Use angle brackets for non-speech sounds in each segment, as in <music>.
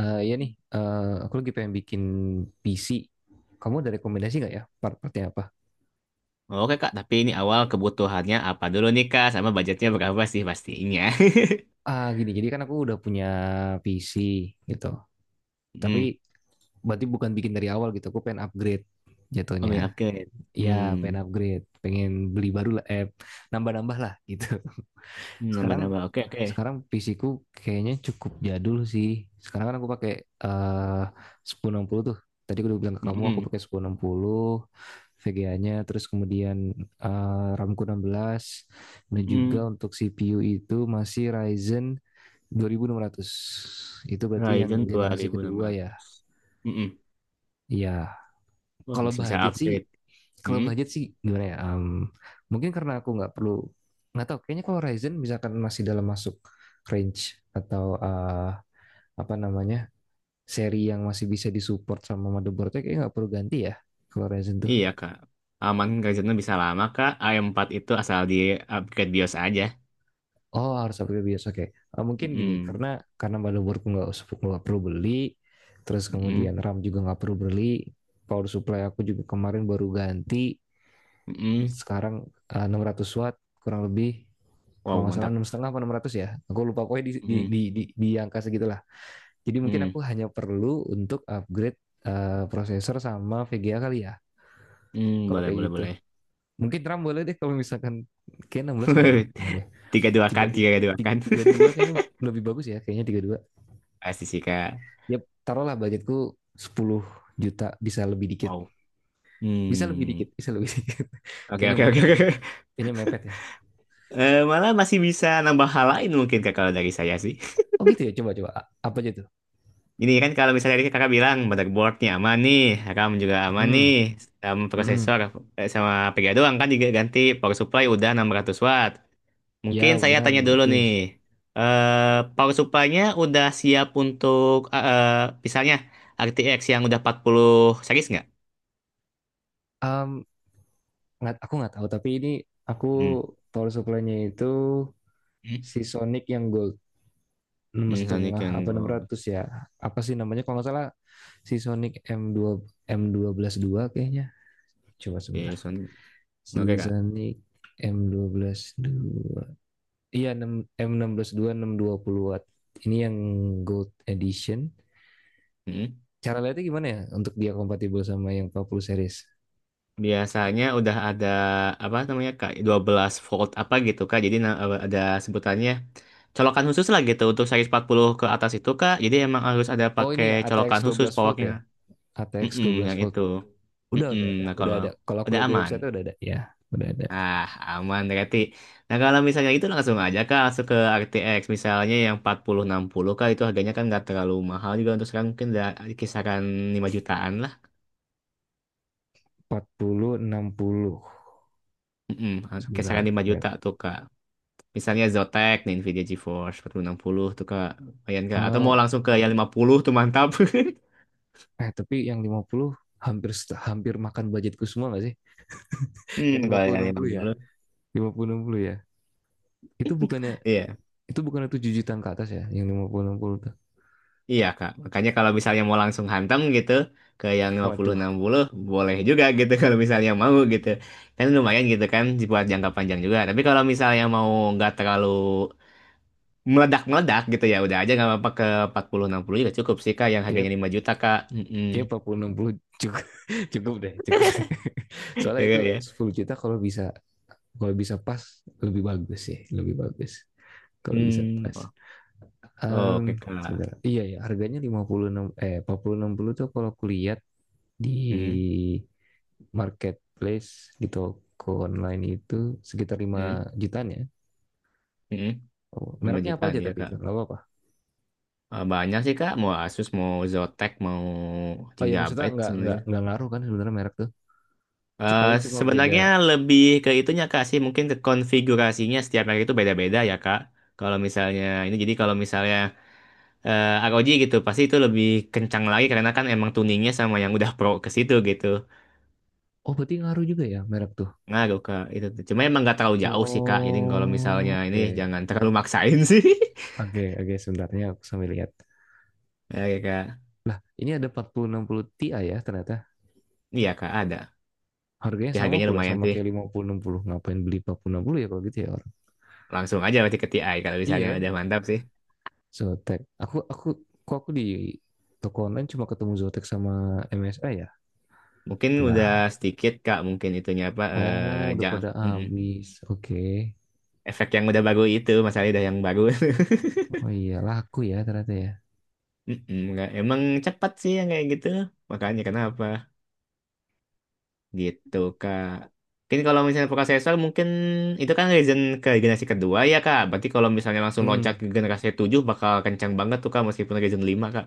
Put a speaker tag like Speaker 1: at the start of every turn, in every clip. Speaker 1: Eh iya nih, aku lagi pengen bikin PC. Kamu ada rekomendasi nggak ya part-partnya apa?
Speaker 2: Oke Kak, tapi ini awal kebutuhannya apa dulu nih Kak, sama budgetnya berapa sih pastinya. <laughs>
Speaker 1: Ah gini, jadi kan aku udah punya PC gitu. Tapi
Speaker 2: Hmm.
Speaker 1: berarti bukan bikin dari awal gitu. Aku pengen upgrade
Speaker 2: Oh
Speaker 1: jatuhnya.
Speaker 2: mie upgrade.
Speaker 1: Ya
Speaker 2: Hmm.
Speaker 1: pengen upgrade, pengen beli baru lah, nambah-nambah lah gitu. Sekarang
Speaker 2: Nambah-nambah. Oke, oke.
Speaker 1: sekarang PC-ku kayaknya cukup jadul sih. Sekarang kan aku pakai 1060 tuh. Tadi aku udah bilang ke kamu aku
Speaker 2: Hmm,
Speaker 1: pakai 1060 VGA-nya, terus kemudian RAM-ku 16, dan juga
Speaker 2: hmm,
Speaker 1: untuk CPU itu masih Ryzen 2600. Itu berarti yang
Speaker 2: Ryzen dua
Speaker 1: generasi
Speaker 2: ribu enam
Speaker 1: kedua ya.
Speaker 2: ratus. Hmm,
Speaker 1: Iya,
Speaker 2: Wah,
Speaker 1: kalau
Speaker 2: masih bisa
Speaker 1: budget sih
Speaker 2: upgrade.
Speaker 1: kalau
Speaker 2: Hmm,
Speaker 1: budget sih gimana ya, Em, mungkin karena aku nggak perlu, nggak tahu kayaknya kalau Ryzen misalkan masih dalam masuk range atau, apa namanya, seri yang masih bisa disupport sama motherboardnya, kayaknya nggak perlu ganti ya kalau Ryzen tuh.
Speaker 2: iya, Kak. Aman Ryzennya bisa lama Kak. AM empat itu asal di upgrade BIOS aja.
Speaker 1: Oh, harus upgrade biasa kayak, mungkin gini,
Speaker 2: Hmm,
Speaker 1: karena motherboardku nggak perlu beli, terus
Speaker 2: hmm,
Speaker 1: kemudian RAM juga nggak perlu beli, power supply aku juga kemarin baru ganti,
Speaker 2: hmm,
Speaker 1: sekarang 600 watt kurang lebih, kalau
Speaker 2: Wow,
Speaker 1: nggak salah
Speaker 2: mantap.
Speaker 1: 6,5 apa 600 ya, aku lupa, pokoknya di di
Speaker 2: Hmm,
Speaker 1: di di, di angka segitulah. Jadi mungkin
Speaker 2: hmm,
Speaker 1: aku hanya perlu untuk upgrade, prosesor sama VGA kali ya, kalau
Speaker 2: Boleh,
Speaker 1: kayak
Speaker 2: boleh,
Speaker 1: gitu.
Speaker 2: boleh.
Speaker 1: Mungkin RAM boleh deh, kalau misalkan kayak 16 udah
Speaker 2: <laughs>
Speaker 1: meledak deh,
Speaker 2: 32
Speaker 1: tiga
Speaker 2: kan,
Speaker 1: dua
Speaker 2: tiga dua kan.
Speaker 1: tiga dua
Speaker 2: <laughs>
Speaker 1: kayaknya lebih bagus ya, kayaknya 32
Speaker 2: Pasti sih Kak.
Speaker 1: ya. Taruhlah budgetku 10 juta, bisa lebih dikit,
Speaker 2: Wow.
Speaker 1: bisa lebih
Speaker 2: Hmm.
Speaker 1: dikit, bisa lebih dikit. <laughs>
Speaker 2: Oke,
Speaker 1: Kayaknya
Speaker 2: oke, oke,
Speaker 1: mepet ya,
Speaker 2: oke.
Speaker 1: kayaknya mepet ya.
Speaker 2: Eh, malah masih bisa nambah hal lain mungkin Kak kalau dari saya sih.
Speaker 1: Oh gitu ya, coba coba apa aja tuh.
Speaker 2: Ini kan kalau misalnya tadi Kakak bilang motherboardnya aman nih, RAM juga aman
Speaker 1: Hmm.
Speaker 2: nih, sama
Speaker 1: Hmm.
Speaker 2: prosesor, eh, sama VGA doang kan diganti, power supply udah 600 watt.
Speaker 1: Ya
Speaker 2: Mungkin saya
Speaker 1: udah
Speaker 2: tanya
Speaker 1: nomor
Speaker 2: dulu
Speaker 1: ratus.
Speaker 2: nih. Eh, power supply-nya udah siap untuk, misalnya RTX yang udah 40 series nggak?
Speaker 1: um, nggak, aku nggak tahu, tapi ini aku
Speaker 2: Hmm.
Speaker 1: power supply-nya itu si Sonic yang gold, enam
Speaker 2: Sonic
Speaker 1: setengah
Speaker 2: yang
Speaker 1: apa enam
Speaker 2: gold.
Speaker 1: ratus ya, apa sih namanya, kalau nggak salah si Sonic, m dua m dua belas dua kayaknya, coba sebentar.
Speaker 2: Oke, Sonic.
Speaker 1: Si
Speaker 2: Oke,
Speaker 1: Sonic m dua belas dua. Iya, M satu enam, m enam dua, 620 watt. Ini yang Gold Edition.
Speaker 2: Kak.
Speaker 1: Cara lihatnya gimana ya untuk dia kompatibel sama yang 40 series?
Speaker 2: Biasanya udah ada apa namanya Kak, 12 volt apa gitu Kak. Jadi ada sebutannya, colokan khusus lah gitu untuk seri 40 ke atas itu Kak. Jadi emang harus ada
Speaker 1: Oh
Speaker 2: pakai
Speaker 1: ini ya
Speaker 2: colokan
Speaker 1: ATX
Speaker 2: khusus
Speaker 1: belas volt
Speaker 2: powernya.
Speaker 1: ya. ATX
Speaker 2: Mm-mm,
Speaker 1: belas
Speaker 2: yang
Speaker 1: volt.
Speaker 2: itu.
Speaker 1: Udah
Speaker 2: Mm-mm,
Speaker 1: udah udah
Speaker 2: nah
Speaker 1: udah
Speaker 2: kalau
Speaker 1: ada. Kalau aku
Speaker 2: udah
Speaker 1: lihat di
Speaker 2: aman.
Speaker 1: website udah ada ya. Udah ada.
Speaker 2: Ah, aman berarti. Nah, kalau misalnya itu langsung aja Kak, langsung ke RTX misalnya yang 4060 Kak, itu harganya kan nggak terlalu mahal juga untuk sekarang, mungkin udah kisaran 5 jutaan lah.
Speaker 1: 40 puluh enam puluh.
Speaker 2: Mm-mm,
Speaker 1: Sebentar,
Speaker 2: kisaran
Speaker 1: aku
Speaker 2: 5
Speaker 1: lihat.
Speaker 2: juta tuh Kak. Misalnya Zotac, nih Nvidia GeForce 4060 tuh Kak. Lumayan Kak. Atau mau
Speaker 1: Eh,
Speaker 2: langsung ke yang 50 tuh, mantap. <laughs>
Speaker 1: eh, tapi yang lima puluh, hampir hampir makan budgetku semua nggak sih? Yang lima
Speaker 2: Kalau
Speaker 1: puluh
Speaker 2: yang
Speaker 1: enam
Speaker 2: lima
Speaker 1: puluh ya.
Speaker 2: puluh,
Speaker 1: Lima puluh enam puluh ya. Itu bukannya
Speaker 2: iya.
Speaker 1: Itu bukan 7 jutaan ke atas ya, yang lima puluh enam puluh tuh?
Speaker 2: Iya, Kak. Makanya kalau misalnya mau langsung hantam gitu ke yang lima puluh
Speaker 1: Waduh,
Speaker 2: enam puluh, boleh juga gitu, <laughs> kalau misalnya mau gitu. Kan lumayan gitu kan, buat jangka panjang juga. Tapi kalau misalnya mau nggak terlalu meledak-meledak gitu, ya udah aja nggak apa-apa, ke 4060 juga cukup sih Kak, yang
Speaker 1: gap
Speaker 2: harganya 5 juta Kak.
Speaker 1: gap
Speaker 2: Mm-mm.
Speaker 1: 40 60 cukup, <laughs> cukup deh, cukup. <laughs>
Speaker 2: <laughs>
Speaker 1: Soalnya
Speaker 2: Ya,
Speaker 1: itu
Speaker 2: Kak, ya.
Speaker 1: 10 juta, kalau bisa pas, lebih bagus sih, lebih bagus. Kalau bisa
Speaker 2: Hmm.
Speaker 1: pas.
Speaker 2: Oh,
Speaker 1: Em,
Speaker 2: oke Kak.
Speaker 1: Sebentar. Iya ya, harganya lima puluh enam eh empat puluh enam puluh tuh, kalau kulihat di
Speaker 2: Mm-mm.
Speaker 1: marketplace, di toko online itu sekitar lima
Speaker 2: Mm-mm.
Speaker 1: jutaan ya.
Speaker 2: Mm-mm.
Speaker 1: Oh,
Speaker 2: Lima
Speaker 1: mereknya apa
Speaker 2: jutaan
Speaker 1: aja
Speaker 2: ya
Speaker 1: tapi itu
Speaker 2: kak.
Speaker 1: nggak apa-apa.
Speaker 2: Eh, banyak sih kak, mau Asus, mau Zotac, mau
Speaker 1: Oh ya, maksudnya
Speaker 2: Gigabyte
Speaker 1: nggak nggak
Speaker 2: sebenarnya.
Speaker 1: nggak ngaruh kan sebenarnya merek tuh.
Speaker 2: Eh,
Speaker 1: Paling cuma beda.
Speaker 2: sebenarnya lebih ke itunya kak sih, mungkin ke konfigurasinya, setiap merek itu beda-beda ya kak, kalau misalnya ini, jadi kalau misalnya eh, ROG gitu pasti itu lebih kencang lagi, karena kan emang tuningnya sama yang udah pro ke situ gitu.
Speaker 1: Oh, berarti ngaruh juga ya merek tuh.
Speaker 2: Ngaruh kak, itu cuma emang nggak terlalu jauh sih kak, jadi kalau
Speaker 1: Oh,
Speaker 2: misalnya ini
Speaker 1: oke.
Speaker 2: jangan terlalu maksain sih.
Speaker 1: Oke, oke, sebentarnya aku sambil lihat.
Speaker 2: <laughs> Ya kak.
Speaker 1: Lah, ini ada 4060 Ti ya ternyata.
Speaker 2: Iya kak, ada.
Speaker 1: Harganya
Speaker 2: Tapi
Speaker 1: sama
Speaker 2: harganya
Speaker 1: pula
Speaker 2: lumayan
Speaker 1: sama
Speaker 2: sih,
Speaker 1: kayak 5060. Ngapain beli empat puluh enam puluh ya kalau gitu ya, orang?
Speaker 2: langsung aja berarti ke TI kalau
Speaker 1: Iya
Speaker 2: misalnya
Speaker 1: kan?
Speaker 2: udah mantap sih.
Speaker 1: Zotac. Aku kok aku di toko online cuma ketemu Zotac sama MSI ya?
Speaker 2: Mungkin udah
Speaker 1: Nah,
Speaker 2: sedikit Kak, mungkin itunya apa,
Speaker 1: oh udah pada
Speaker 2: mm-mm.
Speaker 1: habis. Oke.
Speaker 2: Efek yang udah baru itu, masalahnya udah yang baru.
Speaker 1: Oh iya, laku ya ternyata ya.
Speaker 2: <laughs> Mm-mm, emang cepat sih yang kayak gitu. Makanya kenapa? Gitu Kak. Mungkin kalau misalnya prosesor, mungkin itu kan Ryzen ke generasi kedua ya Kak. Berarti kalau misalnya langsung
Speaker 1: Hmm.
Speaker 2: loncat ke generasi 7 bakal kencang banget tuh Kak, meskipun Ryzen lima Kak.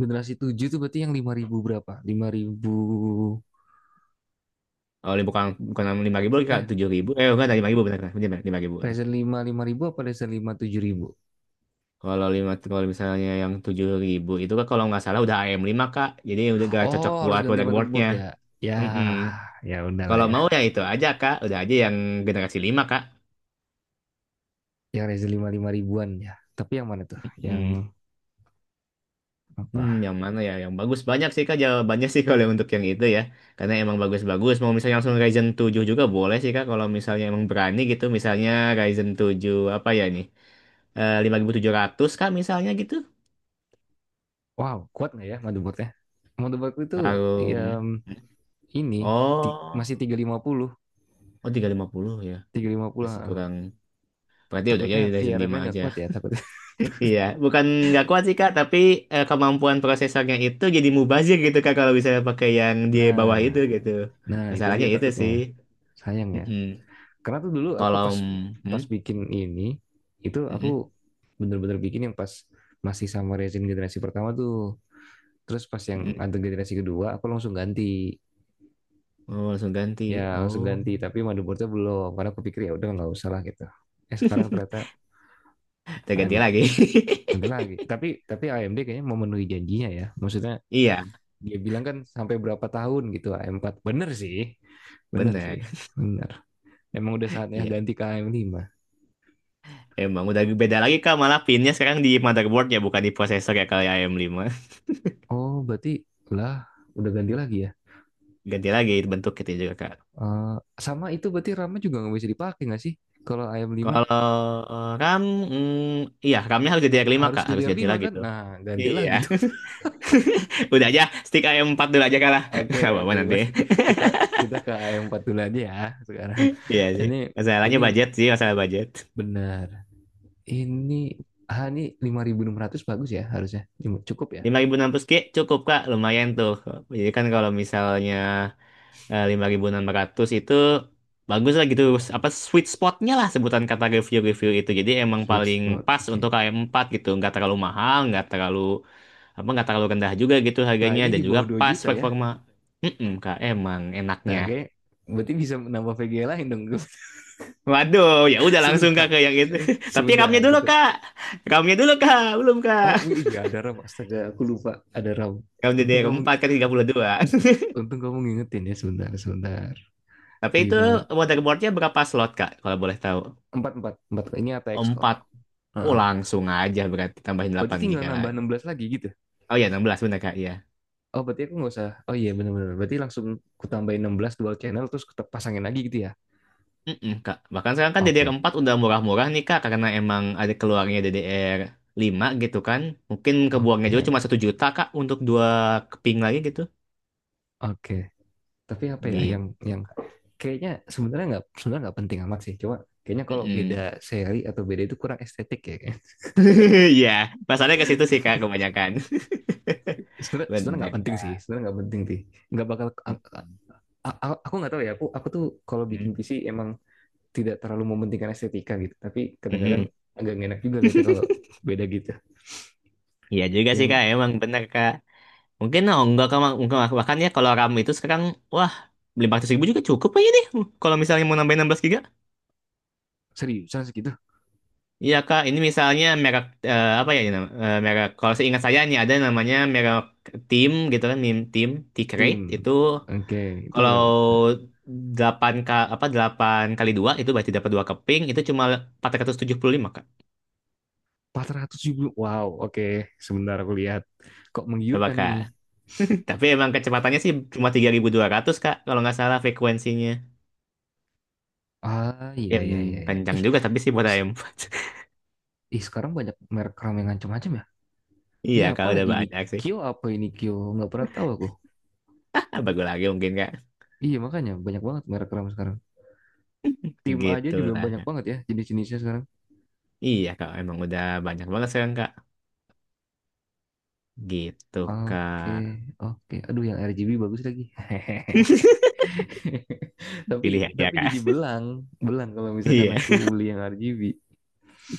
Speaker 1: Generasi 7 tuh berarti yang 5000 berapa? 5000
Speaker 2: Oh, bukan bukan 5000 Kak,
Speaker 1: eh
Speaker 2: tujuh ribu. Eh, enggak, 5000 benar kan? Benar lima ribu.
Speaker 1: Razer 5 5000 apa Razer lima 7000?
Speaker 2: Kalau lima, kalau misalnya yang tujuh ribu itu kan kalau nggak salah udah AM5 kak, jadi udah gak
Speaker 1: Oh,
Speaker 2: cocok
Speaker 1: harus
Speaker 2: buat
Speaker 1: ganti motherboard
Speaker 2: motherboardnya.
Speaker 1: ya. Ya,
Speaker 2: Mm-mm.
Speaker 1: ya udahlah
Speaker 2: Kalau mau
Speaker 1: ya.
Speaker 2: ya itu aja kak, udah aja yang generasi lima kak.
Speaker 1: Yang Razer lima lima ribuan ya. Tapi yang mana tuh? Yang
Speaker 2: Mm.
Speaker 1: apa?
Speaker 2: Yang mana ya? Yang bagus banyak sih kak, jawabannya sih. <laughs> Kalau untuk yang itu ya, karena emang bagus-bagus. Mau misalnya langsung Ryzen tujuh juga boleh sih kak, kalau misalnya emang berani gitu, misalnya Ryzen tujuh apa ya nih? Eh, 5700 kak misalnya gitu.
Speaker 1: Wow, kuat nggak ya motherboardnya? Motherboard itu ya
Speaker 2: Harum.
Speaker 1: ini
Speaker 2: Oh,
Speaker 1: masih 350.
Speaker 2: oh, 350 ya.
Speaker 1: Tiga lima
Speaker 2: Masih
Speaker 1: puluh.
Speaker 2: kurang. Berarti udah ya,
Speaker 1: Takutnya
Speaker 2: Ryzen
Speaker 1: VRM-nya
Speaker 2: lima
Speaker 1: nggak
Speaker 2: aja.
Speaker 1: kuat ya,
Speaker 2: <laughs>
Speaker 1: takutnya. <laughs>
Speaker 2: Iya, bukan nggak kuat sih Kak, tapi eh, kemampuan prosesornya itu jadi mubazir gitu Kak, kalau bisa pakai yang di bawah
Speaker 1: Nah,
Speaker 2: itu gitu.
Speaker 1: nah, itu
Speaker 2: Masalahnya
Speaker 1: dia
Speaker 2: itu sih.
Speaker 1: takutnya. Sayang ya.
Speaker 2: Mm-mm.
Speaker 1: Karena tuh dulu aku
Speaker 2: Kalau,
Speaker 1: pas
Speaker 2: hmm?
Speaker 1: pas bikin ini, itu
Speaker 2: Mm-mm.
Speaker 1: aku bener-bener bikin yang pas masih sama resin generasi pertama tuh. Terus pas yang
Speaker 2: Mm-mm.
Speaker 1: ada generasi kedua, aku langsung ganti.
Speaker 2: Oh, langsung
Speaker 1: Ya
Speaker 2: ganti.
Speaker 1: langsung
Speaker 2: Oh,
Speaker 1: ganti, tapi motherboardnya belum. Karena aku pikir ya udah nggak usah lah gitu. Eh, sekarang ternyata AM
Speaker 2: terganti lagi. <laughs>
Speaker 1: nanti lagi. Tapi AMD kayaknya memenuhi janjinya ya. Maksudnya
Speaker 2: Iya,
Speaker 1: dia bilang kan sampai berapa tahun gitu AM4. Bener sih, bener sih,
Speaker 2: bener.
Speaker 1: bener. Emang udah saatnya
Speaker 2: Iya.
Speaker 1: ganti ke AM5.
Speaker 2: Emang udah beda lagi Kak, malah pinnya sekarang di motherboard ya, bukan di prosesor ya, kalau AM5.
Speaker 1: Oh berarti lah, udah ganti lagi ya.
Speaker 2: Ganti lagi bentuk gitu juga Kak.
Speaker 1: Eh, sama itu berarti RAM-nya juga nggak bisa dipakai nggak sih? Kalau AM5
Speaker 2: Kalau eh, RAM, iya, RAM-nya harus jadi R5
Speaker 1: harus
Speaker 2: Kak, harus ganti
Speaker 1: DDR5
Speaker 2: lagi
Speaker 1: kan?
Speaker 2: tuh.
Speaker 1: Nah, ganti
Speaker 2: Iya.
Speaker 1: lagi.
Speaker 2: <laughs> Udah aja stick ayam 4 dulu aja kalah. <laughs>
Speaker 1: Oke,
Speaker 2: Gak apa-apa
Speaker 1: oke,
Speaker 2: nanti.
Speaker 1: masih,
Speaker 2: <laughs>
Speaker 1: kita kita ke am empat dulu aja ya sekarang.
Speaker 2: Iya sih.
Speaker 1: Ini
Speaker 2: Masalahnya
Speaker 1: ini
Speaker 2: budget sih, masalah budget.
Speaker 1: benar. Ini, ini 5600 bagus ya harusnya. Cukup ya.
Speaker 2: 5.600 Ki cukup Kak, lumayan tuh. Jadi kan kalau misalnya eh, 5600 itu bagus lah gitu. Apa sweet spotnya lah sebutan kata review-review itu. Jadi emang
Speaker 1: Sweet
Speaker 2: paling
Speaker 1: spot.
Speaker 2: pas untuk
Speaker 1: Oke.
Speaker 2: ayam 4 gitu. Nggak terlalu mahal, nggak terlalu apa, nggak terlalu rendah juga gitu
Speaker 1: Lah,
Speaker 2: harganya,
Speaker 1: ini
Speaker 2: dan
Speaker 1: di
Speaker 2: juga
Speaker 1: bawah dua
Speaker 2: pas
Speaker 1: juta ya.
Speaker 2: performa. Mm-mm, Kak, emang
Speaker 1: Nah,
Speaker 2: enaknya.
Speaker 1: oke. Berarti bisa menambah VGA lain dong. <laughs>
Speaker 2: Waduh, ya udah langsung kak
Speaker 1: Sebentar.
Speaker 2: ke yang itu. <laughs> Tapi
Speaker 1: Sebentar kita.
Speaker 2: ramnya dulu kak, belum
Speaker 1: Oh,
Speaker 2: kak.
Speaker 1: iya, ada RAM. Astaga, aku lupa ada RAM.
Speaker 2: Ram
Speaker 1: Untung
Speaker 2: DDR
Speaker 1: kamu
Speaker 2: empat kan, 32.
Speaker 1: untung kamu ngingetin ya, sebentar, sebentar.
Speaker 2: <laughs> Tapi itu
Speaker 1: 5
Speaker 2: motherboardnya berapa slot kak, kalau boleh tahu?
Speaker 1: empat, empat, empat, ini ATX kok.
Speaker 2: Empat. Oh,
Speaker 1: Heeh.
Speaker 2: langsung aja berarti tambahin
Speaker 1: Berarti
Speaker 2: 8
Speaker 1: tinggal
Speaker 2: giga
Speaker 1: nambah
Speaker 2: lagi.
Speaker 1: 16 lagi gitu.
Speaker 2: Oh ya, 16 bener kak, iya.
Speaker 1: Oh, berarti aku nggak usah. Oh iya, benar-benar. Berarti langsung ku tambahin 16 dual channel, terus pasangin lagi gitu ya.
Speaker 2: Mm-mm, kak. Bahkan sekarang kan DDR
Speaker 1: Oke.
Speaker 2: empat udah murah-murah nih kak, karena emang ada keluarnya DDR lima gitu kan. Mungkin kebuangnya juga cuma
Speaker 1: Oke.
Speaker 2: satu juta kak untuk dua keping lagi gitu.
Speaker 1: Oke. Tapi apa ya yang,
Speaker 2: Gitu,
Speaker 1: yang
Speaker 2: Kak.
Speaker 1: kayaknya sebenarnya nggak, penting amat sih. Coba, kayaknya kalau beda
Speaker 2: Mm-mm.
Speaker 1: seri atau beda itu kurang estetik ya. <laughs>
Speaker 2: <laughs> Iya, pasarnya ke situ sih Kak kebanyakan.
Speaker 1: Sebenarnya
Speaker 2: <laughs>
Speaker 1: sebenarnya
Speaker 2: Benar
Speaker 1: nggak penting
Speaker 2: Kak.
Speaker 1: sih. Sebenarnya nggak penting sih. Nggak bakal
Speaker 2: Mm-mm.
Speaker 1: aku nggak tahu ya. Aku tuh kalau bikin PC emang tidak terlalu mementingkan estetika gitu. Tapi kadang-kadang
Speaker 2: Mm-mm.
Speaker 1: agak enak juga lihatnya kalau beda gitu.
Speaker 2: Iya juga sih
Speaker 1: Yang
Speaker 2: Kak, emang benar Kak. Mungkin oh, enggak Kak, mungkin bahkan ya kalau RAM itu sekarang, wah, 500 ribu juga cukup aja nih. Kalau misalnya mau nambahin 16 giga.
Speaker 1: seriusan segitu.
Speaker 2: Iya Kak, ini misalnya merek, eh, apa ya ini nama, eh, merek, kalau seingat saya ini ada namanya merek Tim gitu kan, Mim Tim, T-Crate,
Speaker 1: Tim.
Speaker 2: itu
Speaker 1: Oke, itu berapa tuh?
Speaker 2: kalau 8 K, apa 8 kali 2 itu berarti dapat 2 keping, itu cuma 475 Kak.
Speaker 1: 400 ribu. Wow, oke. Sebentar aku lihat. Kok
Speaker 2: Coba
Speaker 1: menggiurkan
Speaker 2: Kak.
Speaker 1: ini?
Speaker 2: <laughs> Tapi emang kecepatannya sih cuma 3200 Kak, kalau nggak salah frekuensinya.
Speaker 1: Ah, iya,
Speaker 2: Em,
Speaker 1: iya, iya, iya.
Speaker 2: Kencang
Speaker 1: Ih,
Speaker 2: juga tapi sih buat
Speaker 1: s-
Speaker 2: AM4. <laughs>
Speaker 1: ih, sekarang banyak merek ramen macam-macam ya? Ini
Speaker 2: Iya Kak,
Speaker 1: apa
Speaker 2: udah
Speaker 1: lagi ini?
Speaker 2: banyak sih.
Speaker 1: Kyo, apa ini, Kyo? Nggak pernah tahu aku.
Speaker 2: <laughs> Bagus lagi mungkin Kak.
Speaker 1: Iya, makanya banyak banget merek ramen sekarang. Tim aja juga
Speaker 2: Gitulah,
Speaker 1: banyak
Speaker 2: Kak.
Speaker 1: banget ya jenis-jenisnya sekarang.
Speaker 2: Iya Kak, emang udah banyak banget sekarang Kak. Gitu
Speaker 1: Oke,
Speaker 2: Kak.
Speaker 1: oke. Aduh, yang RGB bagus lagi. <laughs> <laughs> Tapi,
Speaker 2: Pilih aja
Speaker 1: tapi,
Speaker 2: Kak.
Speaker 1: jadi
Speaker 2: <laughs>
Speaker 1: belang. Belang kalau misalkan
Speaker 2: Iya,
Speaker 1: aku beli yang RGB.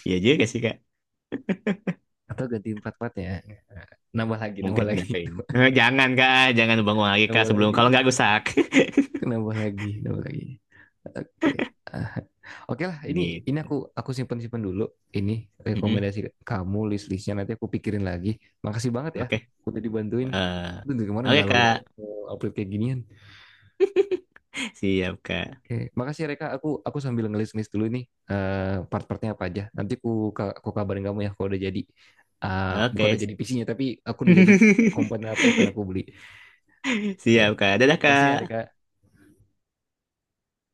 Speaker 2: iya juga sih Kak.
Speaker 1: Atau ganti empat empat ya, nambah lagi, nambah
Speaker 2: Mungkin
Speaker 1: lagi,
Speaker 2: ngapain. Eh, jangan Kak, jangan bangun
Speaker 1: <laughs>
Speaker 2: lagi Kak
Speaker 1: nambah
Speaker 2: sebelum
Speaker 1: lagi,
Speaker 2: kalau nggak rusak. <laughs>
Speaker 1: nambah lagi, nambah lagi, oke. Ah, oke lah, ini
Speaker 2: Gitu.
Speaker 1: aku simpen simpen dulu. Ini
Speaker 2: Mm-mm.
Speaker 1: rekomendasi kamu, list listnya nanti aku pikirin lagi. Makasih banget ya
Speaker 2: Oke.
Speaker 1: udah dibantuin.
Speaker 2: Eh,
Speaker 1: Aduh, dari kemarin
Speaker 2: oke
Speaker 1: galau banget
Speaker 2: Kak.
Speaker 1: mau upload kayak ginian.
Speaker 2: Siap Kak.
Speaker 1: Oke, makasih ya, Reka, aku sambil ngelis ngelis dulu nih, part-partnya apa aja, nanti aku kabarin kamu ya kalau udah jadi. Ah, bukan
Speaker 2: Oke.
Speaker 1: udah jadi PC-nya, tapi aku udah jadi
Speaker 2: <laughs>
Speaker 1: komponen apa yang pengen aku beli. Oke.
Speaker 2: Siap, Kak. Dadah,
Speaker 1: Makasih
Speaker 2: Kak.
Speaker 1: Harika.